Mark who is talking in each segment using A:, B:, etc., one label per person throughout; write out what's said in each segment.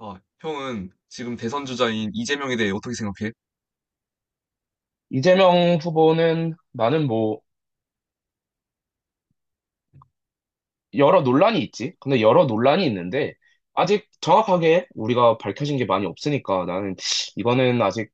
A: 자, 형은 지금 대선 주자인 이재명에 대해 어떻게 생각해?
B: 이재명 후보는 나는 여러 논란이 있지. 근데 여러 논란이 있는데 아직 정확하게 우리가 밝혀진 게 많이 없으니까 나는 이거는 아직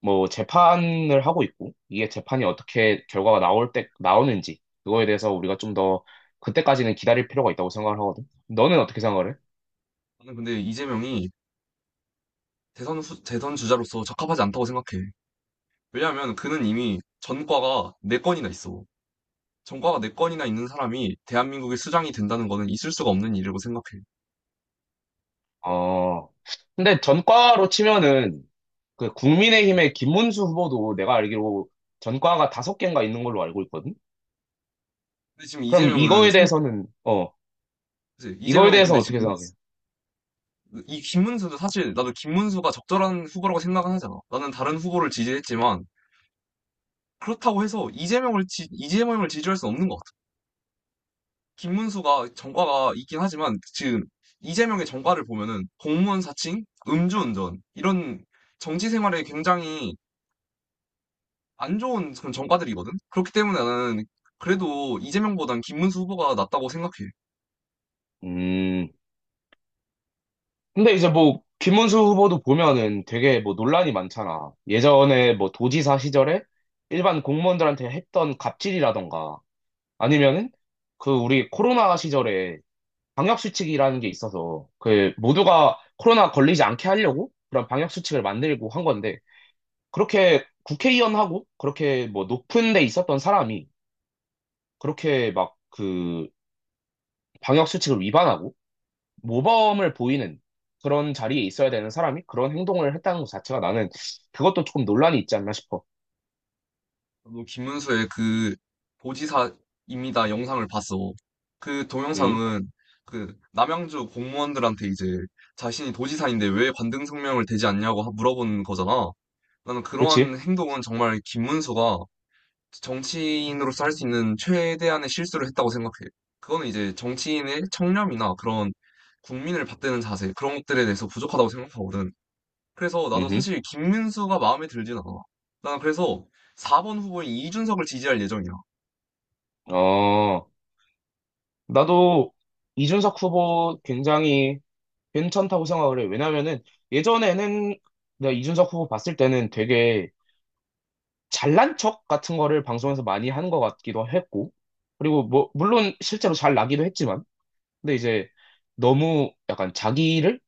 B: 재판을 하고 있고 이게 재판이 어떻게 결과가 나올 때 나오는지 그거에 대해서 우리가 좀 더 그때까지는 기다릴 필요가 있다고 생각을 하거든. 너는 어떻게 생각을 해?
A: 나는 근데 이재명이 대선 주자로서 적합하지 않다고 생각해. 왜냐하면 그는 이미 전과가 네건이나 있어. 전과가 네건이나 있는 사람이 대한민국의 수장이 된다는 거는 있을 수가 없는 일이라고 생각해.
B: 어. 근데 전과로 치면은 그 국민의힘의 김문수 후보도 내가 알기로 전과가 다섯 개인가 있는 걸로 알고 있거든.
A: 근데 지금
B: 그럼
A: 이재명은
B: 이거에 대해서는
A: 그치?
B: 이거에
A: 이재명은 근데
B: 대해서는 어떻게
A: 지금
B: 생각해요?
A: 이 김문수도 사실 나도 김문수가 적절한 후보라고 생각은 하잖아. 나는 다른 후보를 지지했지만 그렇다고 해서 이재명을 지지할 수는 없는 것 같아. 김문수가 전과가 있긴 하지만 지금 이재명의 전과를 보면은 공무원 사칭, 음주운전 이런 정치 생활에 굉장히 안 좋은 그런 전과들이거든. 그렇기 때문에 나는 그래도 이재명보단 김문수 후보가 낫다고 생각해.
B: 음, 근데 이제 김문수 후보도 보면은 되게 논란이 많잖아. 예전에 도지사 시절에 일반 공무원들한테 했던 갑질이라던가, 아니면은 그 우리 코로나 시절에 방역수칙이라는 게 있어서, 그 모두가 코로나 걸리지 않게 하려고 그런 방역수칙을 만들고 한 건데, 그렇게 국회의원하고 그렇게 높은 데 있었던 사람이 그렇게 막 그 방역수칙을 위반하고, 모범을 보이는 그런 자리에 있어야 되는 사람이 그런 행동을 했다는 것 자체가 나는 그것도 조금 논란이 있지 않나 싶어.
A: 나도 김문수의 그 도지사입니다 영상을 봤어. 그
B: 음,
A: 동영상은 그 남양주 공무원들한테 이제 자신이 도지사인데 왜 관등성명을 대지 않냐고 물어본 거잖아. 나는
B: 그치?
A: 그러한 행동은 정말 김문수가 정치인으로서 할 수 있는 최대한의 실수를 했다고 생각해요. 그거는 이제 정치인의 청렴이나 그런 국민을 받드는 자세, 그런 것들에 대해서 부족하다고 생각하거든. 그래서 나도
B: 음,
A: 사실 김문수가 마음에 들진 않아. 난 그래서 4번 후보인 이준석을 지지할 예정이야.
B: 어, 나도 이준석 후보 굉장히 괜찮다고 생각을 해. 왜냐면은 예전에는 내가 이준석 후보 봤을 때는 되게 잘난 척 같은 거를 방송에서 많이 하는 것 같기도 했고, 그리고 물론 실제로 잘 나기도 했지만, 근데 이제 너무 약간 자기를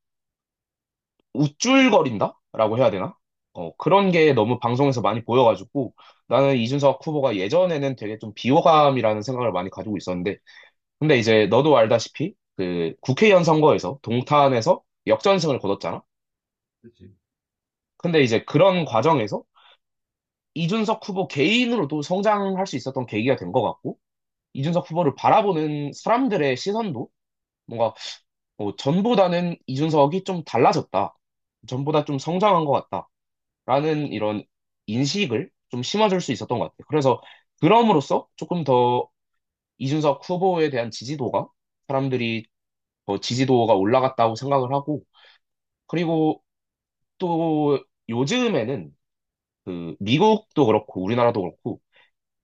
B: 우쭐거린다라고 해야 되나? 그런 게 너무 방송에서 많이 보여가지고 나는 이준석 후보가 예전에는 되게 좀 비호감이라는 생각을 많이 가지고 있었는데 근데 이제 너도 알다시피 그 국회의원 선거에서 동탄에서 역전승을 거뒀잖아.
A: 그치.
B: 근데 이제 그런 과정에서 이준석 후보 개인으로도 성장할 수 있었던 계기가 된 것 같고 이준석 후보를 바라보는 사람들의 시선도 뭔가 전보다는 이준석이 좀 달라졌다. 전보다 좀 성장한 것 같다. 라는 이런 인식을 좀 심어줄 수 있었던 것 같아요. 그래서 그럼으로써 조금 더 이준석 후보에 대한 지지도가 사람들이 더 지지도가 올라갔다고 생각을 하고 그리고 또 요즘에는 그 미국도 그렇고 우리나라도 그렇고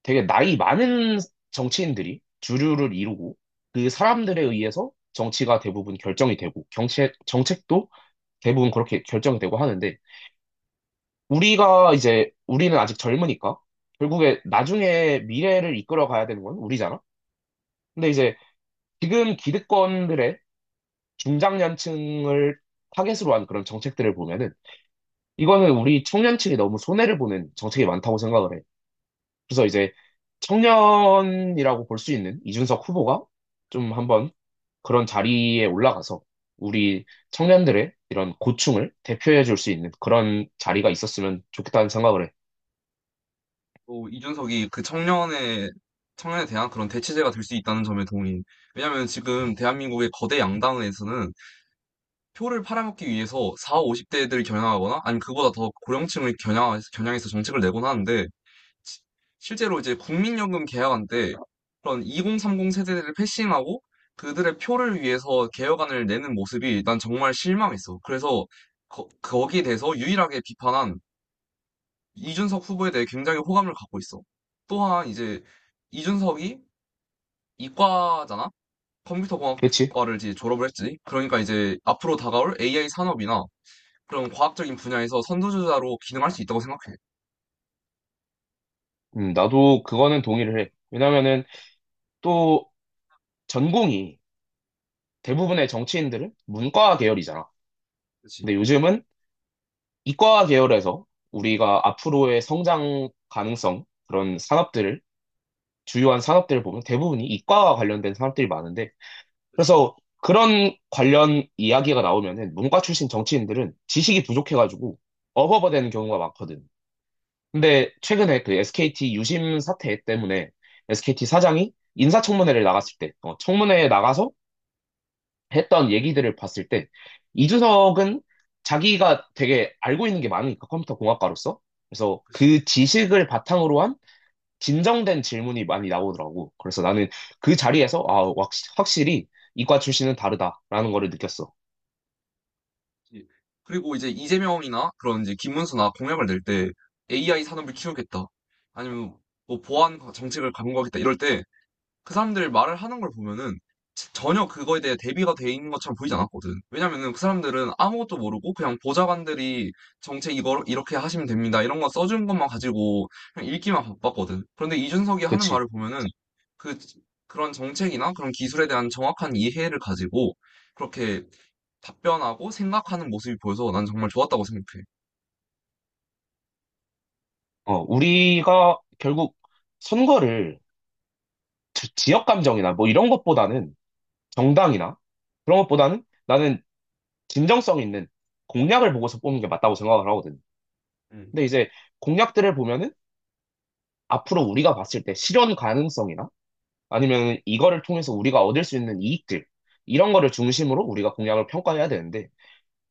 B: 되게 나이 많은 정치인들이 주류를 이루고 그 사람들에 의해서 정치가 대부분 결정이 되고 경책, 정책도 대부분 그렇게 결정이 되고 하는데 우리가 이제 우리는 아직 젊으니까 결국에 나중에 미래를 이끌어 가야 되는 건 우리잖아. 근데 이제 지금 기득권들의 중장년층을 타겟으로 한 그런 정책들을 보면은 이거는 우리 청년층이 너무 손해를 보는 정책이 많다고 생각을 해. 그래서 이제 청년이라고 볼 수 있는 이준석 후보가 좀 한번 그런 자리에 올라가서 우리 청년들의 이런 고충을 대표해 줄 수 있는 그런 자리가 있었으면 좋겠다는 생각을 해.
A: 또 이준석이 그 청년의, 청년에 대한 그런 대체제가 될 수 있다는 점에 동의. 왜냐면 지금 대한민국의 거대 양당에서는 표를 팔아먹기 위해서 4, 50대들을 겨냥하거나 아니면 그보다 더 고령층을 겨냥해서 정책을 내곤 하는데 시- 실제로 이제 국민연금 개혁안때 그런 2030 세대들을 패싱하고 그들의 표를 위해서 개혁안을 내는 모습이 난 정말 실망했어. 그래서 거기에 대해서 유일하게 비판한 이준석 후보에 대해 굉장히 호감을 갖고 있어. 또한 이제 이준석이 이과잖아?
B: 그렇지?
A: 컴퓨터공학과를 이제 졸업을 했지. 그러니까 이제 앞으로 다가올 AI 산업이나 그런 과학적인 분야에서 선두주자로 기능할 수 있다고 생각해.
B: 나도 그거는 동의를 해. 왜냐면은 또 전공이 대부분의 정치인들은 문과 계열이잖아. 근데
A: 그치,
B: 요즘은 이과 계열에서 우리가 앞으로의 성장 가능성, 그런 산업들을, 주요한 산업들을 보면 대부분이 이과와 관련된 산업들이 많은데,
A: 그치,
B: 그래서 그런 관련 이야기가 나오면은 문과 출신 정치인들은 지식이 부족해가지고 어버버 되는 경우가 많거든. 근데 최근에 그 SKT 유심 사태 때문에 SKT 사장이 인사청문회를 나갔을 때, 청문회에 나가서 했던 얘기들을 봤을 때, 이준석은 자기가 되게 알고 있는 게 많으니까 컴퓨터 공학과로서. 그래서
A: 그치.
B: 그 지식을 바탕으로 한 진정된 질문이 많이 나오더라고. 그래서 나는 그 자리에서, 확실히 이과 출신은 다르다라는 거를 느꼈어.
A: 예. 그리고 이제 이재명이나 그런 이제 김문수나 공약을 낼 때 AI 산업을 키우겠다. 아니면 뭐 보안 정책을 강구하겠다. 이럴 때 그 사람들 말을 하는 걸 보면은 전혀 그거에 대해 대비가 돼 있는 것처럼 보이지 않았거든. 왜냐면은 그 사람들은 아무것도 모르고 그냥 보좌관들이 정책 이거 이렇게 하시면 됩니다. 이런 거 써준 것만 가지고 그냥 읽기만 바빴거든. 그런데 이준석이 하는
B: 그치.
A: 말을 보면은 그 그런 정책이나 그런 기술에 대한 정확한 이해를 가지고 그렇게 답변하고 생각하는 모습이 보여서 난 정말 좋았다고 생각해.
B: 어, 우리가 결국 선거를 지역 감정이나 이런 것보다는 정당이나 그런 것보다는 나는 진정성 있는 공약을 보고서 뽑는 게 맞다고 생각을 하거든.
A: 응.
B: 근데 이제 공약들을 보면은 앞으로 우리가 봤을 때 실현 가능성이나 아니면 이거를 통해서 우리가 얻을 수 있는 이익들 이런 거를 중심으로 우리가 공약을 평가해야 되는데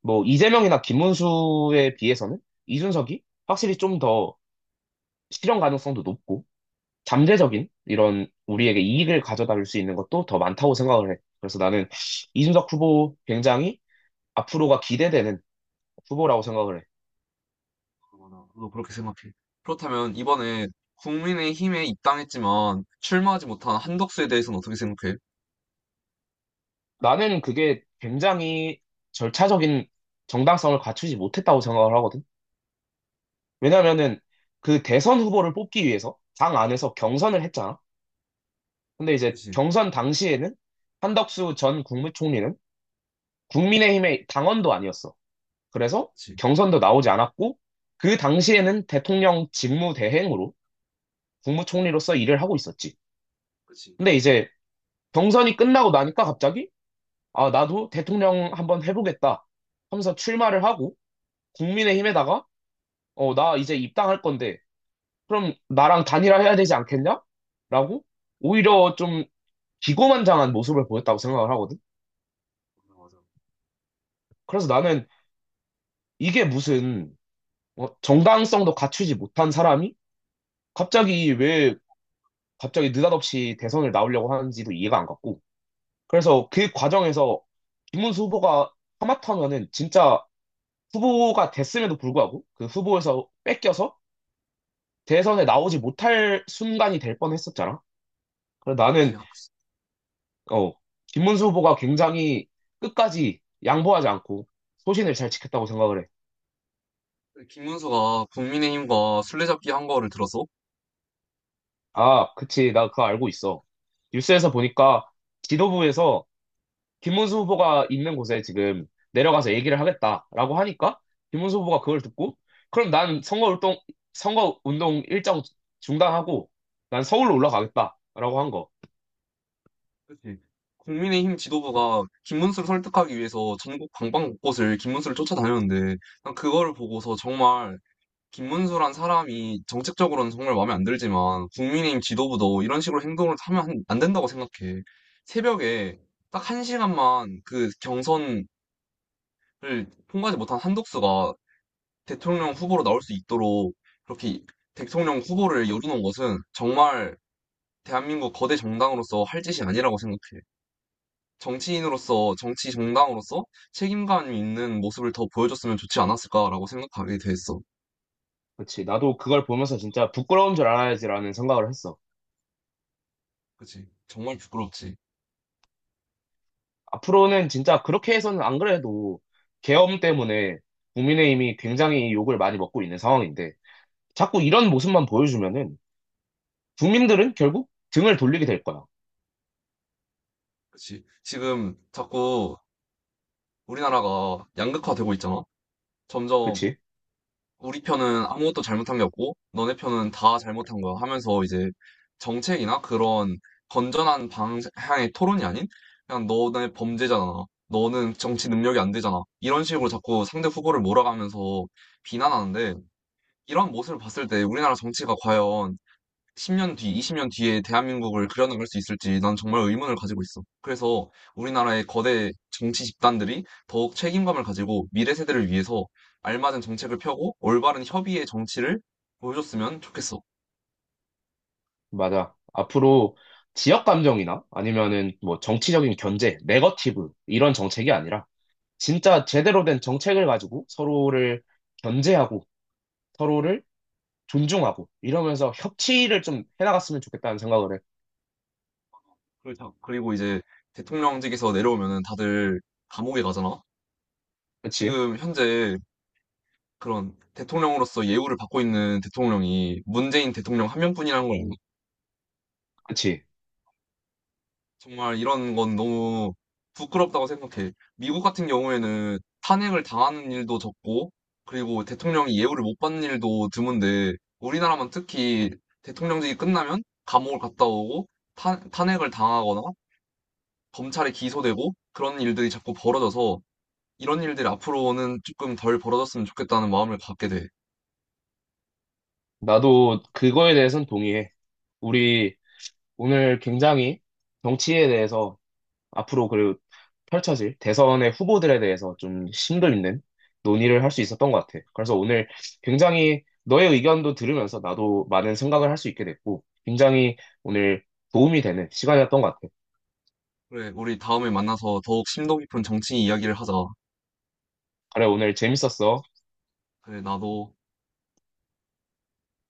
B: 이재명이나 김문수에 비해서는 이준석이 확실히 좀 더 실현 가능성도 높고 잠재적인 이런 우리에게 이익을 가져다 줄 수 있는 것도 더 많다고 생각을 해. 그래서 나는 이준석 후보 굉장히 앞으로가 기대되는 후보라고 생각을 해.
A: 그거나 너도 그렇게 생각해. 그렇다면 이번에 국민의힘에 입당했지만 출마하지 못한 한덕수에 대해서는 어떻게 생각해?
B: 나는 그게 굉장히 절차적인 정당성을 갖추지 못했다고 생각을 하거든. 왜냐면은 그 대선 후보를 뽑기 위해서 당 안에서 경선을 했잖아. 근데 이제
A: 그치,
B: 경선 당시에는 한덕수 전 국무총리는 국민의힘의 당원도 아니었어. 그래서
A: 그치,
B: 경선도 나오지 않았고 그 당시에는 대통령 직무대행으로 국무총리로서 일을 하고 있었지.
A: 그치.
B: 근데 이제 경선이 끝나고 나니까 갑자기 아, 나도 대통령 한번 해보겠다 하면서 출마를 하고 국민의힘에다가 어, 나 이제 입당할 건데 그럼 나랑 단일화해야 되지 않겠냐? 라고 오히려 좀 기고만장한 모습을 보였다고 생각을 하거든. 그래서 나는 이게 무슨 정당성도 갖추지 못한 사람이 갑자기 왜 갑자기 느닷없이 대선을 나오려고 하는지도 이해가 안 갔고. 그래서 그 과정에서 김문수 후보가 하마터면은 진짜 후보가 됐음에도 불구하고 그 후보에서 뺏겨서 대선에 나오지 못할 순간이 될 뻔했었잖아. 그래서
A: 그치.
B: 나는 어, 김문수 후보가 굉장히 끝까지 양보하지 않고 소신을 잘 지켰다고 생각을 해.
A: 김문수가 국민의힘과 술래잡기 한 거를 들었어?
B: 아, 그치. 나 그거 알고 있어. 뉴스에서 보니까 지도부에서 김문수 후보가 있는 곳에 지금 내려가서 얘기를 하겠다라고 하니까 김문수 후보가 그걸 듣고 그럼 선거운동 일정 중단하고 난 서울로 올라가겠다라고 한 거.
A: 그치. 국민의힘 지도부가 김문수를 설득하기 위해서 전국 방방 곳곳을 김문수를 쫓아다녔는데 난 그거를 보고서 정말 김문수란 사람이 정책적으로는 정말 마음에 안 들지만 국민의힘 지도부도 이런 식으로 행동을 하면 안 된다고 생각해. 새벽에 딱 한 시간만 그 경선을 통과하지 못한 한독수가 대통령 후보로 나올 수 있도록 그렇게 대통령 후보를 열어놓은 것은 정말 대한민국 거대 정당으로서 할 짓이 아니라고 생각해. 정치인으로서, 정치 정당으로서 책임감 있는 모습을 더 보여줬으면 좋지 않았을까라고 생각하게 됐어.
B: 그치. 나도 그걸 보면서 진짜 부끄러운 줄 알아야지라는 생각을 했어.
A: 그치? 정말 부끄럽지.
B: 앞으로는 진짜 그렇게 해서는 안 그래도 계엄 때문에 국민의힘이 굉장히 욕을 많이 먹고 있는 상황인데 자꾸 이런 모습만 보여주면은 국민들은 결국 등을 돌리게 될 거야.
A: 그치. 지금 자꾸 우리나라가 양극화되고 있잖아. 점점
B: 그치?
A: 우리 편은 아무것도 잘못한 게 없고, 너네 편은 다 잘못한 거야 하면서 이제 정책이나 그런 건전한 방향의 토론이 아닌, 그냥 너네 범죄잖아. 너는 정치 능력이 안 되잖아. 이런 식으로 자꾸 상대 후보를 몰아가면서 비난하는데, 이런 모습을 봤을 때 우리나라 정치가 과연 10년 뒤, 20년 뒤에 대한민국을 그려나갈 수 있을지 난 정말 의문을 가지고 있어. 그래서 우리나라의 거대 정치 집단들이 더욱 책임감을 가지고 미래 세대를 위해서 알맞은 정책을 펴고 올바른 협의의 정치를 보여줬으면 좋겠어.
B: 맞아. 앞으로 지역 감정이나 아니면은 정치적인 견제, 네거티브 이런 정책이 아니라 진짜 제대로 된 정책을 가지고 서로를 견제하고 서로를 존중하고 이러면서 협치를 좀 해나갔으면 좋겠다는 생각을 해.
A: 그리고 그리고 이제 대통령직에서 내려오면은 다들 감옥에 가잖아.
B: 그치?
A: 지금 현재 그런 대통령으로서 예우를 받고 있는 대통령이 문재인 대통령 한 명뿐이라는 걸,
B: 그치?
A: 정말 이런 건 너무 부끄럽다고 생각해. 미국 같은 경우에는 탄핵을 당하는 일도 적고, 그리고 대통령이 예우를 못 받는 일도 드문데, 우리나라만 특히 대통령직이 끝나면 감옥을 갔다 오고, 탄핵을 당하거나, 검찰에 기소되고, 그런 일들이 자꾸 벌어져서, 이런 일들이 앞으로는 조금 덜 벌어졌으면 좋겠다는 마음을 갖게 돼.
B: 나도 그거에 대해서는 동의해. 우리 오늘 굉장히 정치에 대해서 앞으로 그리고 펼쳐질 대선의 후보들에 대해서 좀 심도 있는 논의를 할 수 있었던 것 같아. 그래서 오늘 굉장히 너의 의견도 들으면서 나도 많은 생각을 할 수 있게 됐고, 굉장히 오늘 도움이 되는 시간이었던 것 같아.
A: 그래, 우리 다음에 만나서 더욱 심도 깊은 정치 이야기를 하자.
B: 그래, 오늘 재밌었어.
A: 그래, 나도.